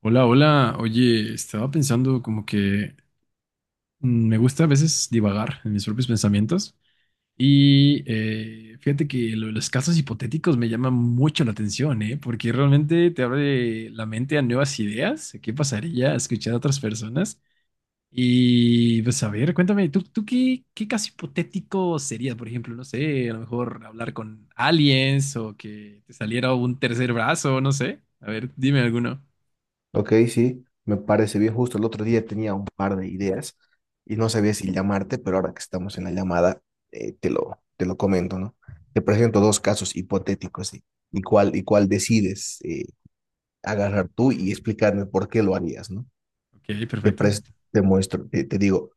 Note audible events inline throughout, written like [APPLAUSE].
Hola, hola. Oye, estaba pensando como que me gusta a veces divagar en mis propios pensamientos y fíjate que lo de los casos hipotéticos me llaman mucho la atención, ¿eh? Porque realmente te abre la mente a nuevas ideas, a qué pasaría a escuchar a otras personas. Y pues a ver, cuéntame, ¿tú qué caso hipotético sería? Por ejemplo, no sé, a lo mejor hablar con aliens o que te saliera un tercer brazo, no sé. A ver, dime alguno. Ok, sí, me parece bien. Justo el otro día tenía un par de ideas y no sabía si llamarte, pero ahora que estamos en la llamada, te lo comento, ¿no? Te presento dos casos hipotéticos y cuál decides agarrar tú y explicarme por qué lo harías, ¿no? Ok, Te, perfecto. pres- te muestro, te digo,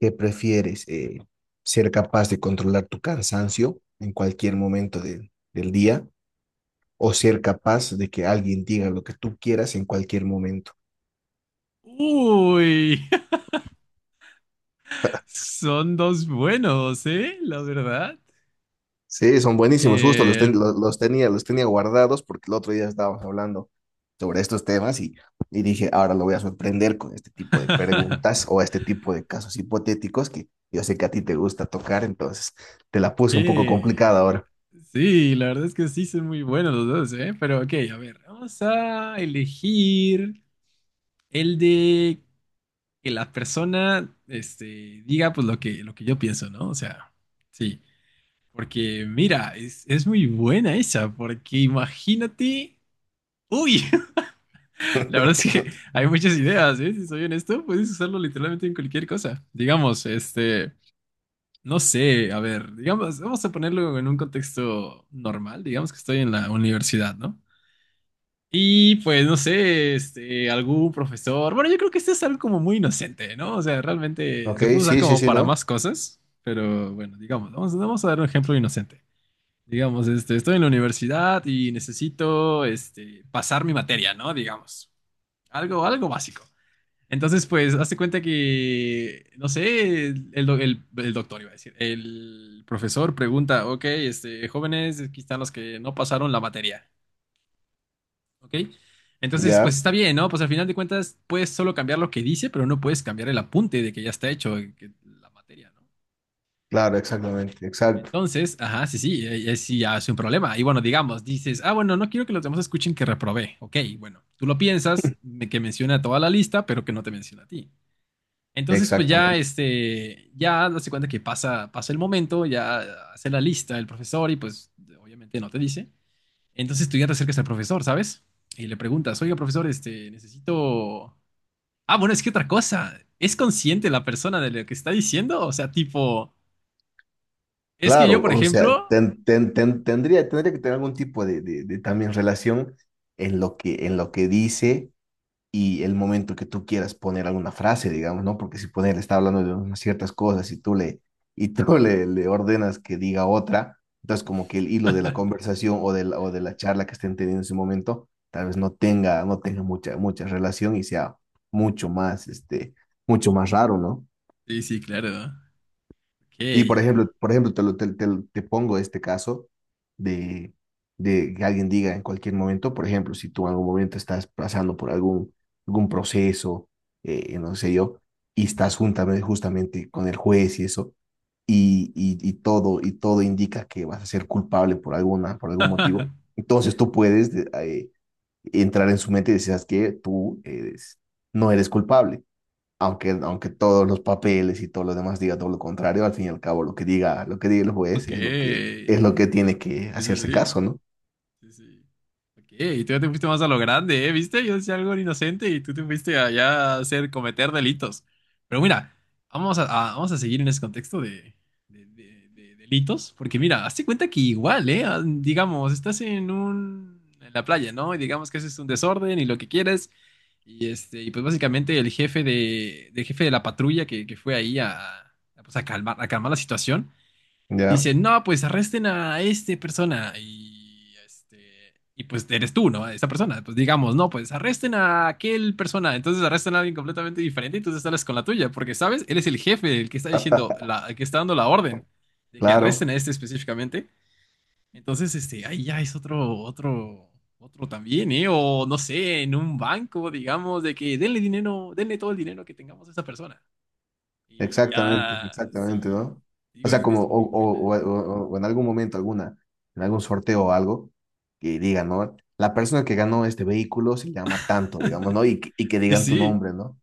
¿qué prefieres? ¿Ser capaz de controlar tu cansancio en cualquier momento del día o ser capaz de que alguien diga lo que tú quieras en cualquier momento? Uy, [LAUGHS] son dos buenos, ¿eh? La verdad. Sí, son buenísimos, justo Eh, los tenía, los tenía guardados porque el otro día estábamos hablando sobre estos temas y dije, ahora lo voy a sorprender con este tipo de preguntas [LAUGHS] o este tipo de casos hipotéticos que yo sé que a ti te gusta tocar, entonces te la puse un poco que- complicada ahora. Sí, la verdad es que sí son muy buenos los dos, ¿eh? Pero ok, a ver, vamos a elegir el de que la persona, diga pues lo que yo pienso, ¿no? O sea, sí. Porque mira, es muy buena esa, porque imagínate... Uy, [LAUGHS] la verdad es que [LAUGHS] hay muchas ideas, ¿eh? Si soy honesto, puedes usarlo literalmente en cualquier cosa. Digamos, no sé, a ver, digamos, vamos a ponerlo en un contexto normal, digamos que estoy en la universidad, ¿no? Y pues, no sé, algún profesor, bueno, yo creo que este es algo como muy inocente, ¿no? O sea, realmente Ok, se puede usar sí, sí, como sí, para ¿no? más cosas, pero bueno, digamos, vamos a dar un ejemplo inocente. Digamos, estoy en la universidad y necesito, pasar mi materia, ¿no? Digamos, algo básico. Entonces, pues, hazte cuenta que, no sé, el doctor iba a decir, el profesor pregunta, ok, jóvenes, aquí están los que no pasaron la materia, ¿ok? Entonces, Ya, pues está bien, ¿no? Pues al final de cuentas puedes solo cambiar lo que dice, pero no puedes cambiar el apunte de que ya está hecho que la materia, ¿no? claro, exactamente, exacto, Entonces, ajá, sí, sí, sí, ya es un problema. Y bueno, digamos, dices, ah, bueno, no quiero que los demás escuchen que reprobé, ok, bueno, tú lo piensas, que menciona a toda la lista, pero que no te menciona a ti. Entonces, pues ya, exactamente. Ya hace cuenta que pasa, pasa el momento, ya hace la lista el profesor y pues obviamente no te dice. Entonces tú ya te acercas al profesor, ¿sabes? Y le preguntas, oiga, profesor, necesito... Ah, bueno, es que otra cosa, ¿es consciente la persona de lo que está diciendo? O sea, tipo, es que yo, Claro, por o sea, ejemplo... tendría que tener algún tipo de también relación en lo que dice y el momento que tú quieras poner alguna frase, digamos, ¿no? Porque si poner está hablando de unas ciertas cosas y tú le, [LAUGHS] y tú le, le ordenas que diga otra, entonces como que el hilo de la conversación o de la charla que estén teniendo en ese momento, tal vez no tenga, no tenga mucha, mucha relación y sea mucho más, mucho más raro, ¿no? Sí, sí, claro. ¿No? Ok. Y por ejemplo, te, lo- te pongo este caso de, de que alguien diga en cualquier momento, por ejemplo, si tú en algún momento estás pasando por algún, algún proceso, no sé yo, y estás juntamente, justamente con el juez y eso, y todo indica que vas a ser culpable por alguna, por algún motivo, [LAUGHS] entonces tú puedes entrar en su mente y decir, que no eres culpable aunque, aunque todos los papeles y todo lo demás diga todo lo contrario, al fin y al cabo lo que diga el juez Ok. Es lo que Sí, tiene que sí, hacerse sí. caso, ¿no? Sí, sí. Ok, y tú ya te fuiste más a lo grande, ¿eh? ¿Viste? Yo decía algo inocente y tú te fuiste allá a hacer cometer delitos. Pero mira, vamos a, vamos a seguir en ese contexto de, de delitos, porque mira, hazte cuenta que igual, ¿eh? Ah, digamos, estás en la playa, ¿no? Y digamos que haces un desorden y lo que quieres. Y y pues básicamente del jefe de la patrulla que fue ahí pues a calmar la situación Ya, dicen, no, pues arresten a este persona y, y pues eres tú, ¿no? Esa persona. Pues digamos, no, pues arresten a aquel persona. Entonces arrestan a alguien completamente diferente y tú te sales con la tuya, porque, ¿sabes? Él es el jefe, el que está diciendo, el que está dando la orden de que arresten claro, a este específicamente. Entonces, ahí ya es otro también, ¿eh? O no sé, en un banco, digamos, de que denle dinero, denle todo el dinero que tengamos a esa persona. Y exactamente, ya, exactamente, sí, ¿no? O digo, sea, es, como es muy buena. O en algún momento alguna, en algún sorteo o algo, que diga, ¿no? La persona que ganó este vehículo se llama tanto, digamos, ¿no? Y, y que Sí, digan tu sí, nombre, ¿no?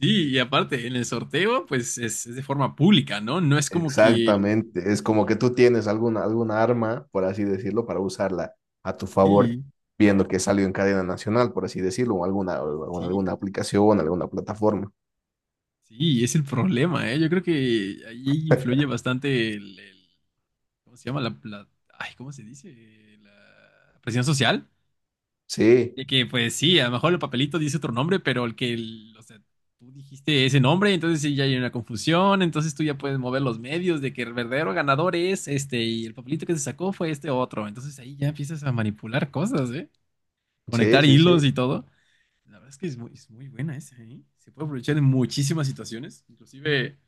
sí, y aparte, en el sorteo, pues es de forma pública, ¿no? No es como que... Exactamente, es como que tú tienes alguna, alguna arma, por así decirlo, para usarla a tu favor, Sí, viendo que salió en cadena nacional, por así decirlo, sí, o sí, alguna aplicación, alguna plataforma. sí, es el problema, ¿eh? Yo creo que ahí influye bastante ¿cómo se llama? Ay, ¿cómo se dice? La presión social. Sí, De que, pues sí, a lo mejor el papelito dice otro nombre, pero o sea, tú dijiste ese nombre, entonces sí, ya hay una confusión, entonces tú ya puedes mover los medios de que el verdadero ganador es este y el papelito que se sacó fue este otro. Entonces ahí ya empiezas a manipular cosas, ¿eh? sí, Conectar sí, sí. hilos y todo. La verdad es que es muy buena esa, ¿eh? Se puede aprovechar en muchísimas situaciones, inclusive,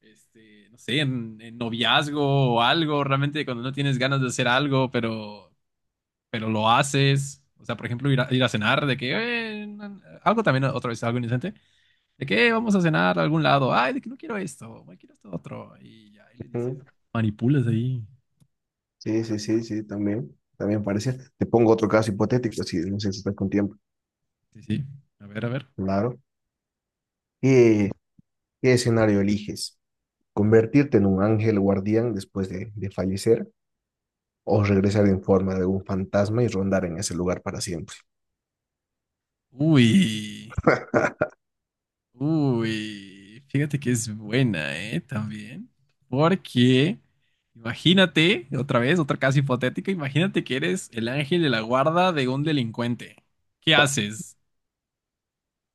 no sé, en noviazgo o algo, realmente cuando no tienes ganas de hacer algo, pero lo haces. O sea, por ejemplo, ir a cenar, de que algo también, otra vez, algo inocente, de que vamos a cenar a algún lado, ay, de que no quiero esto, ay, quiero esto otro, y ya, y le dices, Ujú. manipulas ahí. Sí, sí, sí, sí, también, también parece. Te pongo otro caso hipotético, si no sé si estás con tiempo. Sí, sí, a ver, a ver. Claro. ¿Qué, qué escenario eliges? ¿Convertirte en un ángel guardián después de fallecer o regresar en forma de un fantasma y rondar en ese lugar para siempre? Uy, uy, fíjate que es buena, ¿eh? También, porque imagínate, otra vez, otra casa hipotética, imagínate que eres el ángel de la guarda de un delincuente. ¿Qué haces?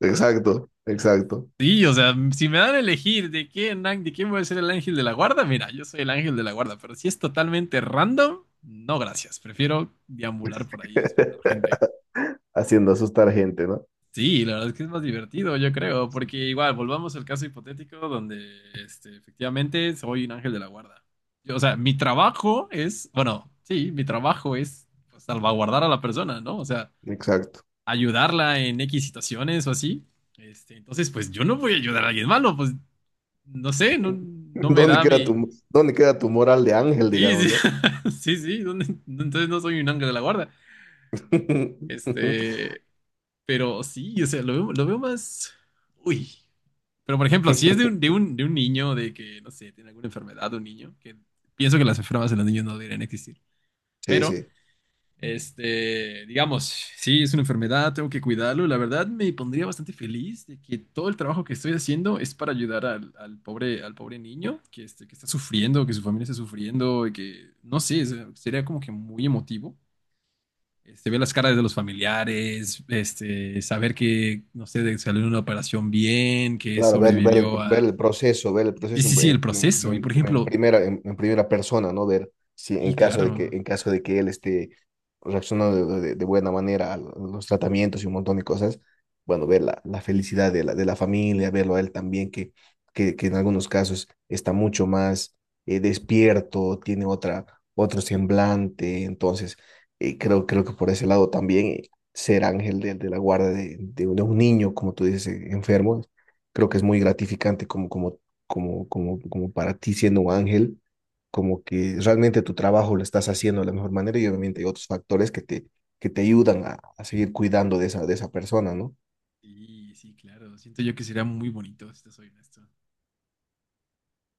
Exacto, exacto. Sí, o sea, si me dan a elegir de quién voy a ser el ángel de la guarda, mira, yo soy el ángel de la guarda, pero si es totalmente random, no gracias, prefiero deambular por ahí y espantar gente. [LAUGHS] Haciendo asustar gente, ¿no? Sí, la verdad es que es más divertido, yo creo, porque igual, volvamos al caso hipotético donde efectivamente soy un ángel de la guarda. Yo, o sea, mi trabajo es, bueno, sí, mi trabajo es pues, salvaguardar a la persona, ¿no? O sea, Exacto. ayudarla en X situaciones o así. Entonces, pues yo no voy a ayudar a alguien malo, pues no sé, no, [LAUGHS] no me ¿Dónde da queda mi. tu, dónde queda tu moral de ángel, Sí, sí, digamos, ¿no? [LAUGHS] sí, sí, ¿dónde- entonces no soy un ángel de la guarda. [LAUGHS] Este, pero sí, o sea, lo veo más. Uy. Pero por ejemplo, si es de un niño, de que, no sé, tiene alguna enfermedad, un niño, que pienso que las enfermedades en los niños no deberían existir. Sí, Pero sí. Digamos, sí, es una enfermedad, tengo que cuidarlo. La verdad me pondría bastante feliz de que todo el trabajo que estoy haciendo es para ayudar al pobre niño que, que está sufriendo, que su familia está sufriendo, y que, no sé, sería como que muy emotivo. Ver las caras de los familiares, saber que, no sé, salió de una operación bien, que Claro, ver, sobrevivió a... ver el Sí, proceso sí, en, sí, el proceso. Y por ejemplo, en primera persona, ¿no? Ver si en sí, caso de que, claro. en caso de que él esté reaccionando de buena manera a los tratamientos y un montón de cosas, bueno, ver la, la felicidad de la familia, verlo a él también, que en algunos casos está mucho más despierto, tiene otra, otro semblante, entonces creo, creo que por ese lado también ser ángel de la guarda de un niño, como tú dices, enfermo creo que es muy gratificante como, como, como, como, como para ti siendo un ángel, como que realmente tu trabajo lo estás haciendo de la mejor manera y obviamente hay otros factores que te ayudan a seguir cuidando de esa persona, ¿no? Sí, sí, claro. Siento yo que sería muy bonito, si te soy honesto.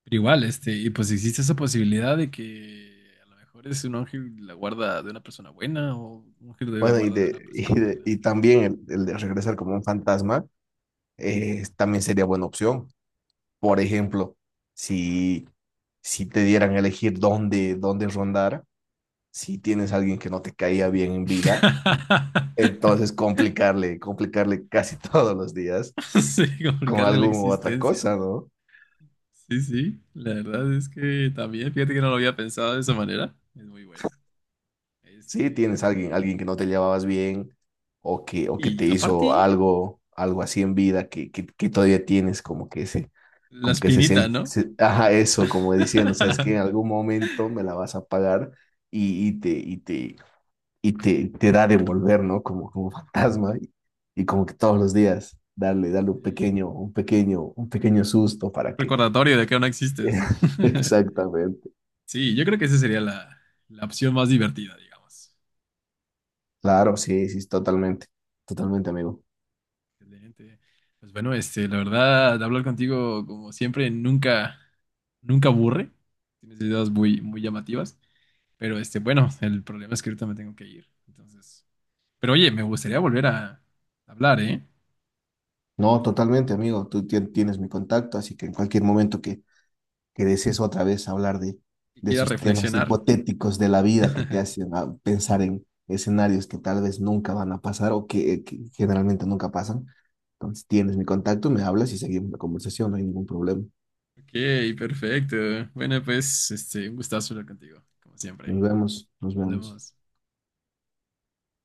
Pero igual, y pues existe esa posibilidad de que a lo mejor es un ángel de la guarda de una persona buena o un ángel de la Bueno, y, guarda de una de, [LAUGHS] y, persona mala. Y también el de regresar como un fantasma también sería buena opción. Por ejemplo, si, si te dieran a elegir dónde, dónde rondar, si tienes a alguien que no te caía bien en vida, entonces, [LAUGHS] complicarle, complicarle casi [LAUGHS] todos los días Sí, con complicarle la alguna u otra existencia. cosa, ¿no? Sí, sí, la verdad es que también, fíjate que no lo había pensado de esa manera. Es muy buena. Si Este, tienes alguien, alguien que no te llevabas bien sí, o que y te hizo aparte, algo, algo así en vida que todavía tienes como que ese, la como que se espinita, siente, ¿no? Ajá, eso, como diciendo, sabes que [LAUGHS] en algún momento me la vas a pagar y, y te, y te, y te, te da de volver, ¿no? Como, como [LAUGHS] fantasma y como que todos los días darle, darle un Sí, pequeño, un pequeño, un pequeño susto para que recordatorio de que aún no existes. [LAUGHS] [LAUGHS] exactamente. Sí, yo creo que esa sería la, la opción más divertida, digamos. Claro, sí, sí, totalmente. Totalmente, amigo. Excelente. Pues bueno, la verdad, hablar contigo, como siempre, nunca, nunca aburre. Tienes ideas muy, muy llamativas. Pero bueno, el problema es que ahorita me tengo que ir. Entonces. Pero oye, me gustaría volver a hablar, ¿eh? No, totalmente, amigo. Tienes mi contacto, así que en cualquier momento que desees otra vez hablar Que de quiera esos temas reflexionar. hipotéticos de la vida que te hacen pensar en escenarios que tal vez nunca van a pasar o que generalmente nunca pasan. Entonces tienes mi contacto, me hablas y seguimos la conversación, no hay ningún problema. Ok, perfecto. Bueno, pues, un gustazo hablar contigo, como Nos siempre. vemos, nos Nos vemos. vemos.